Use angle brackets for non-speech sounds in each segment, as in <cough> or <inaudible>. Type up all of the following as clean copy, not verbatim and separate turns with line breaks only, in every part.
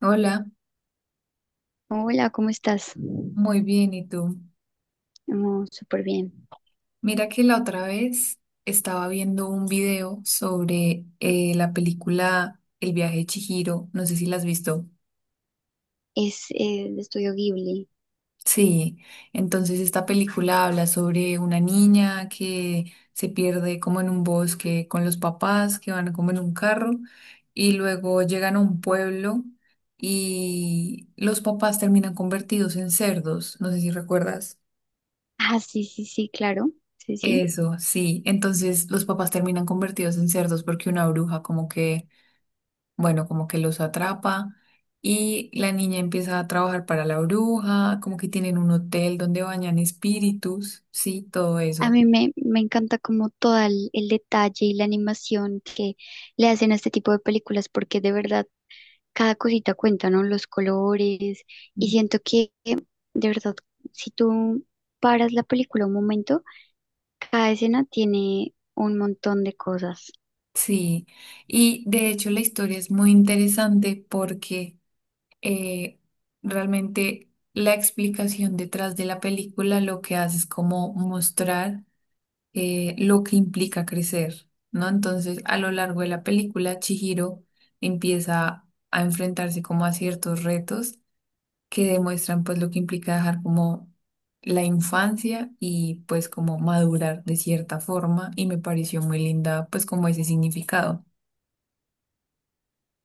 Hola,
Hola, ¿cómo estás?
muy bien, ¿y tú?
Oh, súper bien.
Mira que la otra vez estaba viendo un video sobre la película El viaje de Chihiro, no sé si la has visto.
Es de Estudio Ghibli.
Sí, entonces esta película habla sobre una niña que se pierde como en un bosque con los papás que van como en un carro y luego llegan a un pueblo y los papás terminan convertidos en cerdos, no sé si recuerdas.
Ah, sí, sí, sí, claro. Sí, sí.
Eso, sí. Entonces los papás terminan convertidos en cerdos porque una bruja como que, bueno, como que los atrapa y la niña empieza a trabajar para la bruja, como que tienen un hotel donde bañan espíritus, sí, todo
A
eso.
mí me encanta como todo el detalle y la animación que le hacen a este tipo de películas porque de verdad cada cosita cuenta, ¿no? Los colores, y
Mm.
siento que de verdad, si tú paras la película un momento, cada escena tiene un montón de cosas.
Sí. Y de hecho la historia es muy interesante porque eh, realmente la explicación detrás de la película lo que hace es como mostrar lo que implica crecer, ¿no? Entonces, a lo largo de la película, Chihiro empieza a enfrentarse como a ciertos retos que demuestran pues lo que implica dejar como la infancia y pues como madurar de cierta forma y me pareció muy linda pues como ese significado.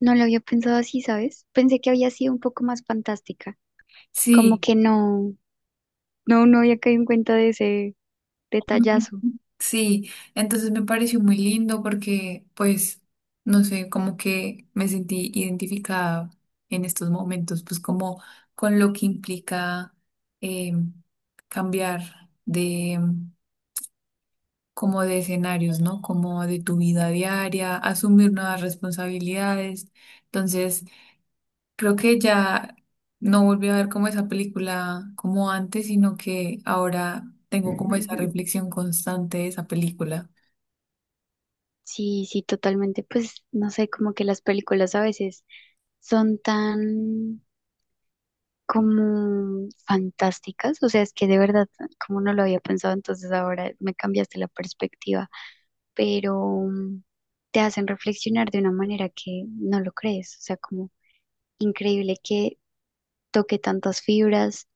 No lo había pensado así, ¿sabes? Pensé que había sido un poco más fantástica, como
Sí.
que no. No, no había caído en cuenta de ese detallazo.
Sí, entonces me pareció muy lindo porque, pues, no sé, como que me sentí identificada en estos momentos, pues como con lo que implica eh, cambiar de como de escenarios, ¿no? Como de tu vida diaria, asumir nuevas responsabilidades. Entonces, creo que ya no volví a ver como esa película como antes, sino que ahora tengo como esa
<laughs>
reflexión constante de esa película.
Sí, sí, totalmente. Pues no sé, como que las películas a veces son tan como fantásticas. O sea, es que de verdad, como no lo había pensado, entonces ahora me cambiaste la perspectiva. Pero mm, te hacen reflexionar de una manera que no lo crees. O sea, como increíble que toque tantas fibras.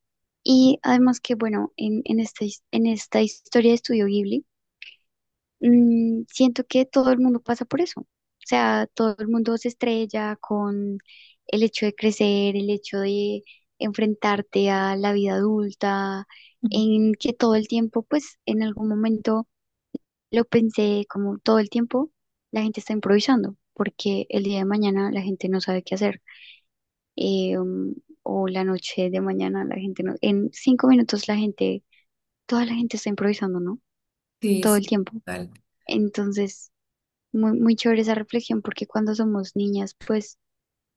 Y además que, bueno, en esta, en esta historia de Estudio Ghibli, siento que todo el mundo pasa por eso. O sea, todo el mundo se estrella con el hecho de crecer, el hecho de enfrentarte a la vida adulta, en que todo el tiempo, pues en algún momento lo pensé, como todo el tiempo, la gente está improvisando, porque el día de mañana la gente no sabe qué hacer. eh, um, o la noche de mañana la gente no, en 5 minutos la gente, toda la gente está improvisando, ¿no?
Sí,
Todo
sí,
el tiempo.
total.
Entonces, muy, muy chévere esa reflexión porque cuando somos niñas, pues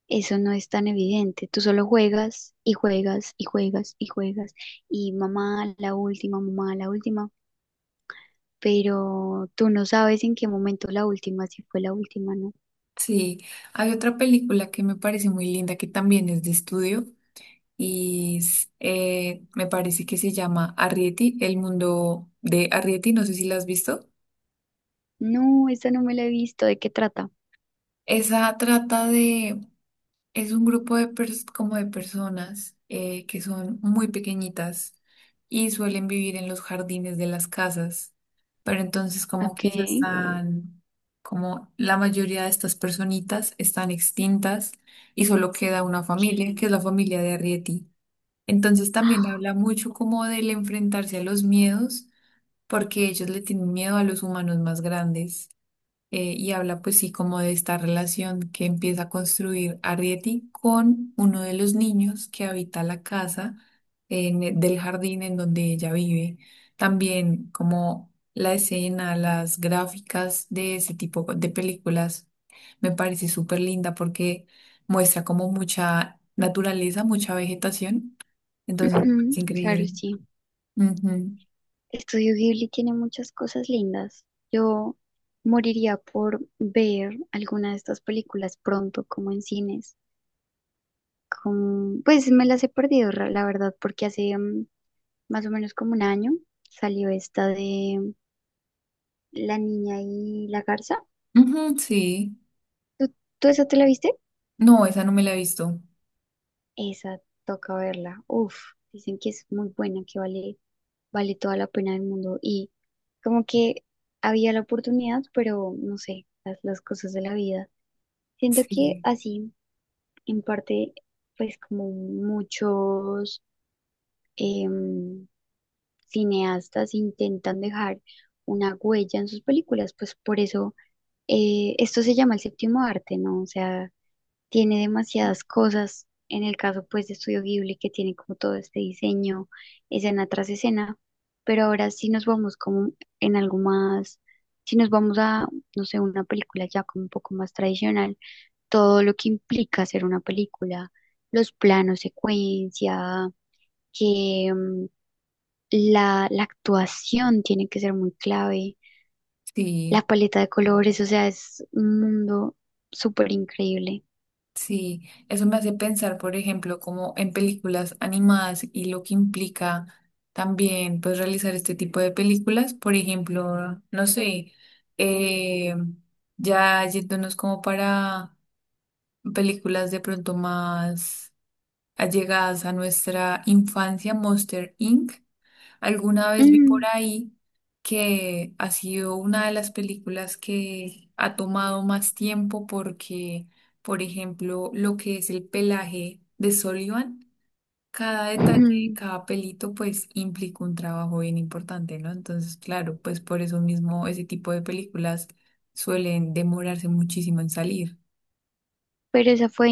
eso no es tan evidente. Tú solo juegas y juegas y juegas y juegas y mamá la última, pero tú no sabes en qué momento la última, si fue la última, ¿no?
Sí, hay otra película que me parece muy linda que también es de estudio y es, me parece que se llama Arrietty, El mundo de Arrietty, no sé si la has visto.
No, esta no me la he visto, ¿de qué trata?
Esa trata de Es un grupo de como de personas, que son muy pequeñitas y suelen vivir en los jardines de las casas, pero entonces como
Ok.
que ellas están, como la mayoría de estas personitas están extintas y solo queda una familia,
Ok.
que es la familia de Arrietty. Entonces también
Ah,
habla mucho como del enfrentarse a los miedos, porque ellos le tienen miedo a los humanos más grandes y habla pues sí como de esta relación que empieza a construir Arrietty con uno de los niños que habita la casa en del jardín en donde ella vive. También como la escena, las gráficas de ese tipo de películas me parece súper linda porque muestra como mucha naturaleza, mucha vegetación. Entonces me
ujú,
parece
claro,
increíble.
sí. Estudio Ghibli tiene muchas cosas lindas. Yo moriría por ver alguna de estas películas pronto, como en cines. Pues me las he perdido, la verdad, porque hace más o menos como un año salió esta de La niña y la garza.
Ujú. Ujú, sí.
¿Tú, tú esa te la viste?
No, esa no me la he visto.
Esa toca verla. Uf, dicen que es muy buena, que vale, vale toda la pena del mundo. Y como que había la oportunidad, pero no sé, las cosas de la vida. Siento que
Sí,
así, en parte, pues como muchos... em, cineastas intentan dejar una huella en sus películas, pues por eso esto se llama el séptimo arte, ¿no? O sea, tiene demasiadas cosas, en el caso pues de Estudio Ghibli, que tiene como todo este diseño, escena tras escena, pero ahora sí nos vamos como en algo más, si nos vamos a, no sé, una película ya como un poco más tradicional, todo lo que implica hacer una película, los planos, secuencia, que la actuación tiene que ser muy clave,
sí.
la paleta de colores, o sea, es un mundo súper increíble.
Sí, eso me hace pensar, por ejemplo, como en películas animadas y lo que implica también, pues, realizar este tipo de películas. Por ejemplo, no sé, eh, ya yéndonos como para películas de pronto más allegadas a nuestra infancia, Monster Inc. Alguna vez vi por
Mm,
ahí que ha sido una de las películas que ha tomado más tiempo porque, por ejemplo, lo que es el pelaje de Sullivan, cada detalle,
mm.
cada pelito, pues implica un trabajo bien importante, ¿no? Entonces, claro, pues por eso mismo ese tipo de películas suelen demorarse muchísimo en salir.
Pero esa fue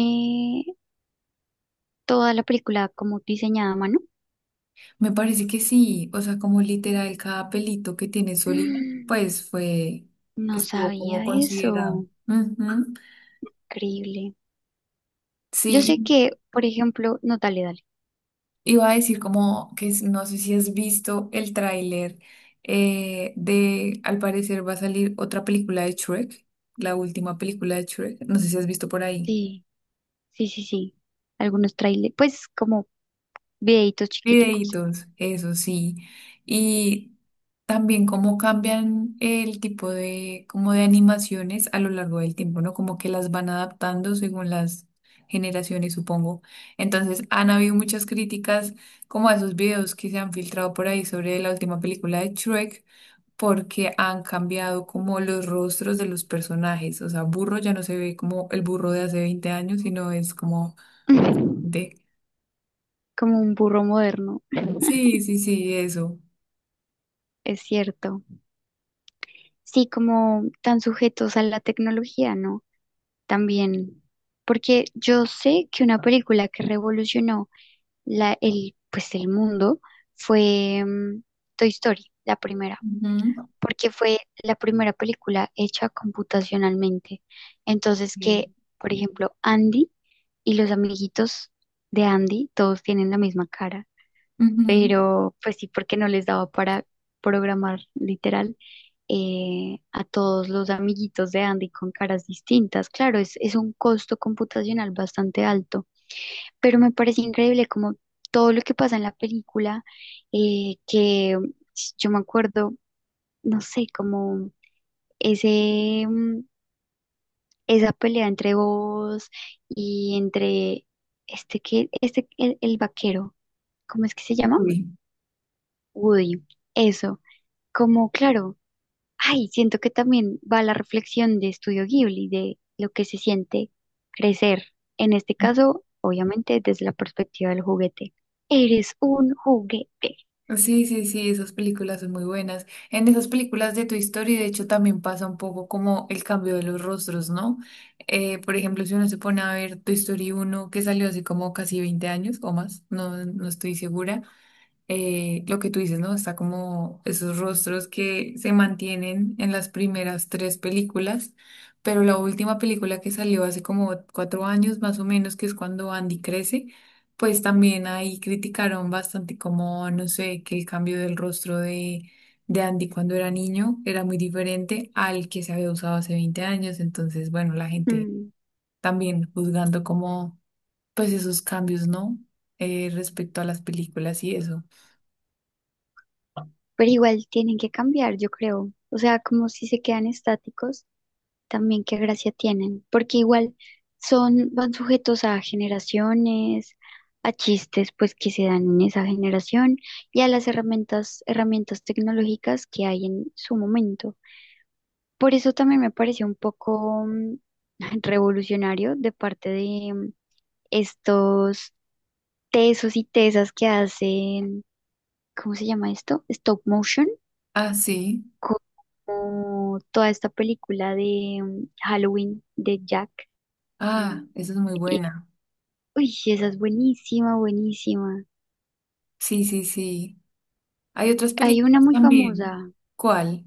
toda la película como diseñada a mano.
Me parece que sí, o sea, como literal cada pelito que tiene Sullivan,
Mm,
pues fue,
No
estuvo como
sabía
considerado.
eso,
Ujú.
increíble. Yo
Sí,
sé que, por ejemplo, no, dale, dale.
iba a decir como que no sé si has visto el tráiler al parecer va a salir otra película de Shrek, la última película de Shrek, no sé si has visto por ahí.
Sí, sí, sí, sí. Algunos trailers, pues como videitos chiquiticos,
Videitos, eso sí. Y también cómo cambian el tipo de, como de animaciones a lo largo del tiempo, ¿no? Como que las van adaptando según las generaciones, supongo. Entonces, han habido muchas críticas como a esos videos que se han filtrado por ahí sobre la última película de Shrek, porque han cambiado como los rostros de los personajes. O sea, Burro ya no se ve como el burro de hace 20 años, sino es como
<laughs> como
de...
un burro moderno,
Sí, sí, sí, eso.
es cierto. Sí, como tan sujetos a la tecnología, ¿no? También, porque yo sé que una película que revolucionó pues, el mundo fue Toy Story, la primera,
Ujú.
porque fue la primera película hecha computacionalmente. Entonces,
Ok.
que, por ejemplo, Andy y los amiguitos de Andy, todos tienen la misma cara,
Ujú.
pero pues sí, porque no les daba para programar literal a todos los amiguitos de Andy con caras distintas. Claro, es un costo computacional bastante alto, pero me parece increíble como todo lo que pasa en la película, que yo me acuerdo, no sé, como ese, mm, esa pelea entre vos y entre el vaquero, ¿cómo es que se llama?
Uy.
Woody. Eso. Como claro, ay, siento que también va la reflexión de Estudio Ghibli, de lo que se siente crecer. En este caso, obviamente, desde la perspectiva del juguete. Eres un juguete.
Sí, sí, sí, esas películas son muy buenas. En esas películas de Toy Story, de hecho, también pasa un poco como el cambio de los rostros, ¿no? Por ejemplo, si uno se pone a ver Toy Story uno que salió hace como casi 20 años o más, no, no estoy segura, lo que tú dices, ¿no? Está como esos rostros que se mantienen en las primeras tres películas, pero la última película que salió hace como 4 años más o menos, que es cuando Andy crece, pues también ahí criticaron bastante como, no sé, que el cambio del rostro de Andy cuando era niño era muy diferente al que se había usado hace 20 años, entonces, bueno, la gente
Mm,
también juzgando como, pues esos cambios, ¿no? Respecto a las películas y eso.
Pero igual tienen que cambiar, yo creo. O sea, como si se quedan estáticos, también qué gracia tienen, porque igual son, van sujetos a generaciones, a chistes pues que se dan en esa generación y a las herramientas, herramientas tecnológicas que hay en su momento. Por eso también me pareció un poco <laughs> revolucionario de parte de estos tesos y tesas que hacen, ¿cómo se llama esto? Stop motion.
Ah, sí.
Como toda esta película de Halloween de Jack.
Ah, sí. Esa es muy buena.
Uy, sí, esa es buenísima, buenísima.
Sí, sí, sí. Hay otras
Hay una
películas
muy famosa.
también. ¿Cuál?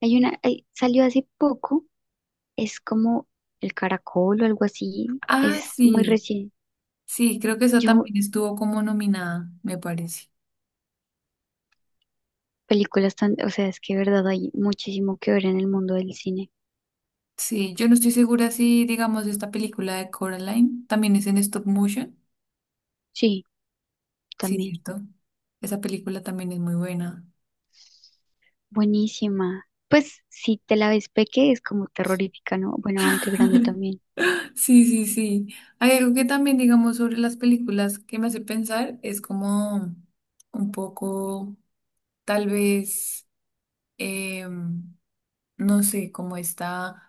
Hay una, salió hace poco. Es como El Caracol o algo así.
Ah,
Es muy
sí.
recién.
Sí, creo que esa
Yo,
también estuvo como nominada, me parece.
películas tan, o sea, es que de verdad hay muchísimo que ver en el mundo del cine.
Sí, yo no estoy segura si, digamos, esta película de Coraline también es en stop motion.
Sí,
Sí,
también.
cierto. Esa película también es muy buena.
Buenísima. Pues si te la ves peque es como terrorífica, ¿no? Bueno, aunque grande
<laughs>
también.
Sí, sí, sí. Hay algo que también, digamos, sobre las películas que me hace pensar es como un poco, tal vez. em, no sé, como está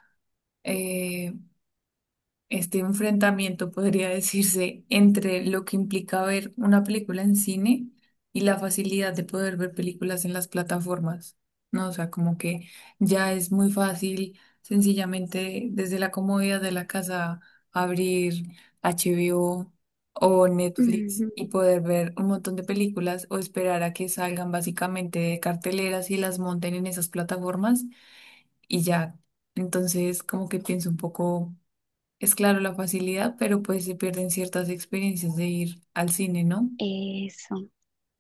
este enfrentamiento, podría <laughs> decirse, entre lo que implica ver una película en cine y la facilidad de poder ver películas en las plataformas, ¿no? O sea, como que ya es muy fácil, sencillamente desde la comodidad de la casa, abrir HBO o Netflix
Ujú.
y poder ver un montón de películas o esperar a que salgan básicamente de carteleras y las monten en esas plataformas y ya. Entonces, como que pienso un poco, es claro la facilidad, pero pues se pierden ciertas experiencias de ir al cine, ¿no?
Eso,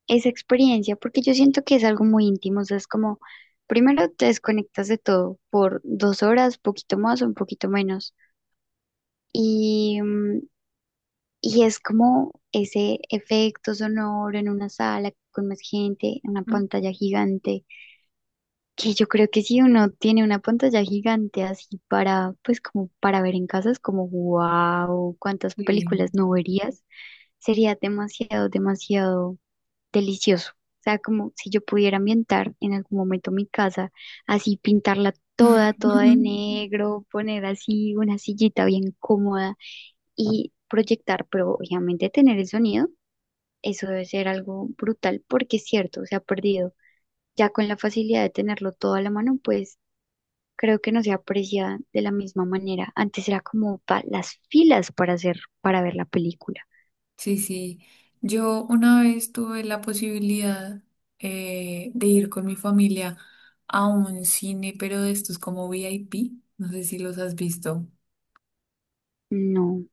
esa experiencia, porque yo siento que es algo muy íntimo, o sea, es como, primero te desconectas de todo por 2 horas, poquito más o un poquito menos, y, mm, y es como ese efecto sonoro en una sala con más gente, en una pantalla gigante, que yo creo que si uno tiene una pantalla gigante así para, pues como para ver en casa, es como, wow, cuántas
Sí.
películas no verías, sería demasiado, demasiado delicioso. O sea, como si yo pudiera ambientar en algún momento mi casa, así pintarla toda, toda
Ujú.
de negro, poner así una sillita bien cómoda y proyectar, pero obviamente tener el sonido, eso debe ser algo brutal porque es cierto, se ha perdido. Ya con la facilidad de tenerlo todo a la mano, pues creo que no se aprecia de la misma manera. Antes era como las filas para hacer, para ver la película.
Sí, <laughs> sí. Yo una vez tuve la posibilidad de ir con mi familia a un cine, pero de estos como VIP, no sé si los has visto.
No,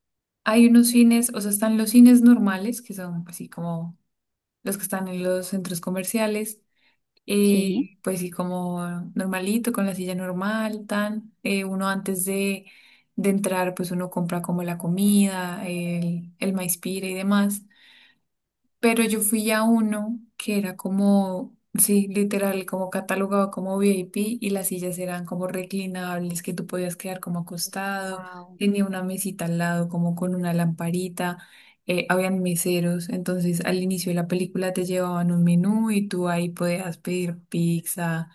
Hay unos cines, o sea, están los cines normales, que son así como los que están en los centros comerciales,
sí,
pues sí, como normalito, con la silla normal, tan. Uno antes de entrar, pues uno compra como la comida, el maíz pira y demás. Pero yo fui a uno que era como, sí, literal, como catalogado como VIP y las sillas eran como reclinables, que tú podías quedar como acostado,
wow,
tenía una mesita al lado como con una lamparita, habían meseros, entonces al inicio de la película te llevaban un menú y tú ahí podías pedir pizza,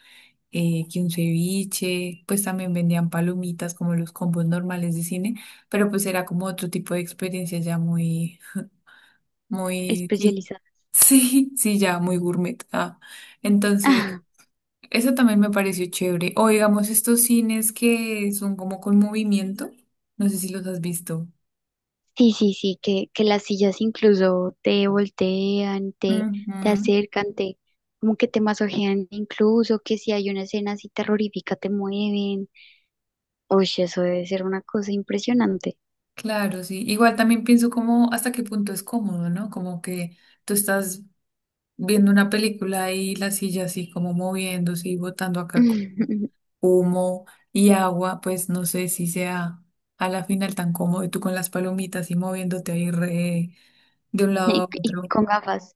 que un ceviche, pues también vendían palomitas como los combos normales de cine, pero pues era como otro tipo de experiencia ya muy muy, sí,
especializada.
<laughs> sí, sí, ya, muy gourmet. Ah. Entonces,
<laughs>
eso también me pareció chévere. O digamos, estos cines que son como con movimiento, no sé si los has visto.
Sí, sí, sí, que las sillas incluso te voltean, te,
Ujú,
te acercan, te, como que te masojean, incluso que si hay una escena así terrorífica te mueven. Uy, eso debe ser una cosa impresionante.
claro, sí. Igual también pienso como hasta qué punto es cómodo, ¿no? Como que tú estás viendo una película y la silla así como moviéndose y botando acá. Como
<laughs>
humo y agua, pues no sé si sea a la final tan cómodo y tú con las palomitas y moviéndote ahí de un lado a
Y, y
otro.
con
<laughs>
gafas.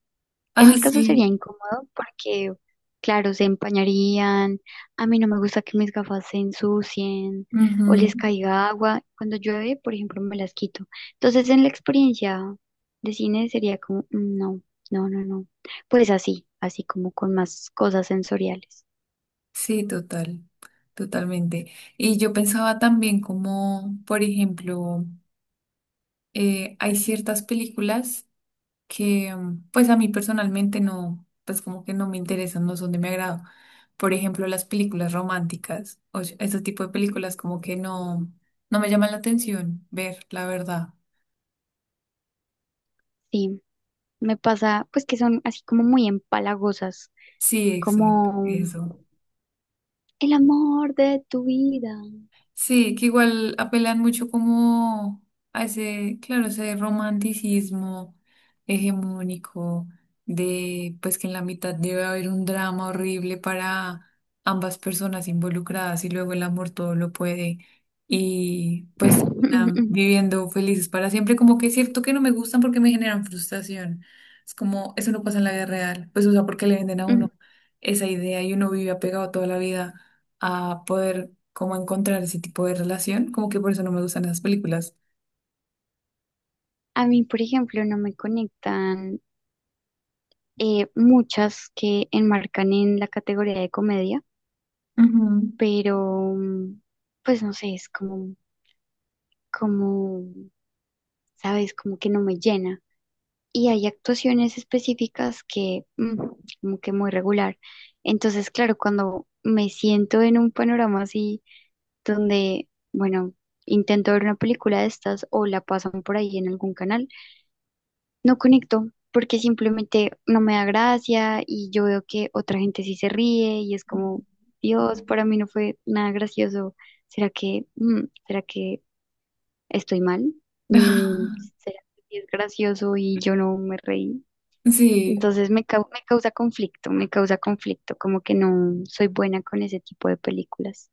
En
Ah,
mi caso
sí.
sería incómodo porque, claro, se empañarían, a mí no me gusta que mis gafas se ensucien o
Ujú,
les caiga agua. Cuando llueve, por ejemplo, me las quito. Entonces, en la experiencia de cine sería como, "Mm, no, no, no, no". Pues así, así como con más cosas sensoriales.
sí, total, totalmente. Y yo pensaba también como, por ejemplo, hay ciertas películas que pues a mí personalmente no, pues como que no me interesan, no son de mi agrado. Por ejemplo, las películas románticas o ese tipo de películas como que no, no me llaman la atención ver, la verdad.
Sí, me pasa, pues que son así como muy empalagosas,
Sí, exacto,
como
eso.
el amor de tu vida.
Sí, que igual apelan mucho como a ese, claro, ese romanticismo hegemónico de pues que en la mitad debe haber un drama horrible para ambas personas involucradas y luego el amor todo lo puede y pues terminan
<laughs>
viviendo felices para siempre, como que es cierto que no me gustan porque me generan frustración. Es como, eso no pasa en la vida real, pues o sea, porque le venden a
Ujú.
uno esa idea y uno vive apegado toda la vida a poder como encontrar ese tipo de relación, como que por eso no me gustan esas películas.
A mí, por ejemplo, no me conectan muchas que enmarcan en la categoría de comedia,
Ujú.
pero pues no sé, es como, sabes, como que no me llena. Y hay actuaciones específicas que como que muy regular. Entonces, claro, cuando me siento en un panorama así donde, bueno, intento ver una película de estas o la pasan por ahí en algún canal, no conecto porque simplemente no me da gracia y yo veo que otra gente sí se ríe y es como, Dios, para mí no fue nada gracioso. ¿Será que, será que estoy mal? Mm,
<laughs>
¿Será que sí es gracioso y yo no me reí?
Sí,
Entonces me, me causa conflicto, como que no soy buena con ese tipo de películas.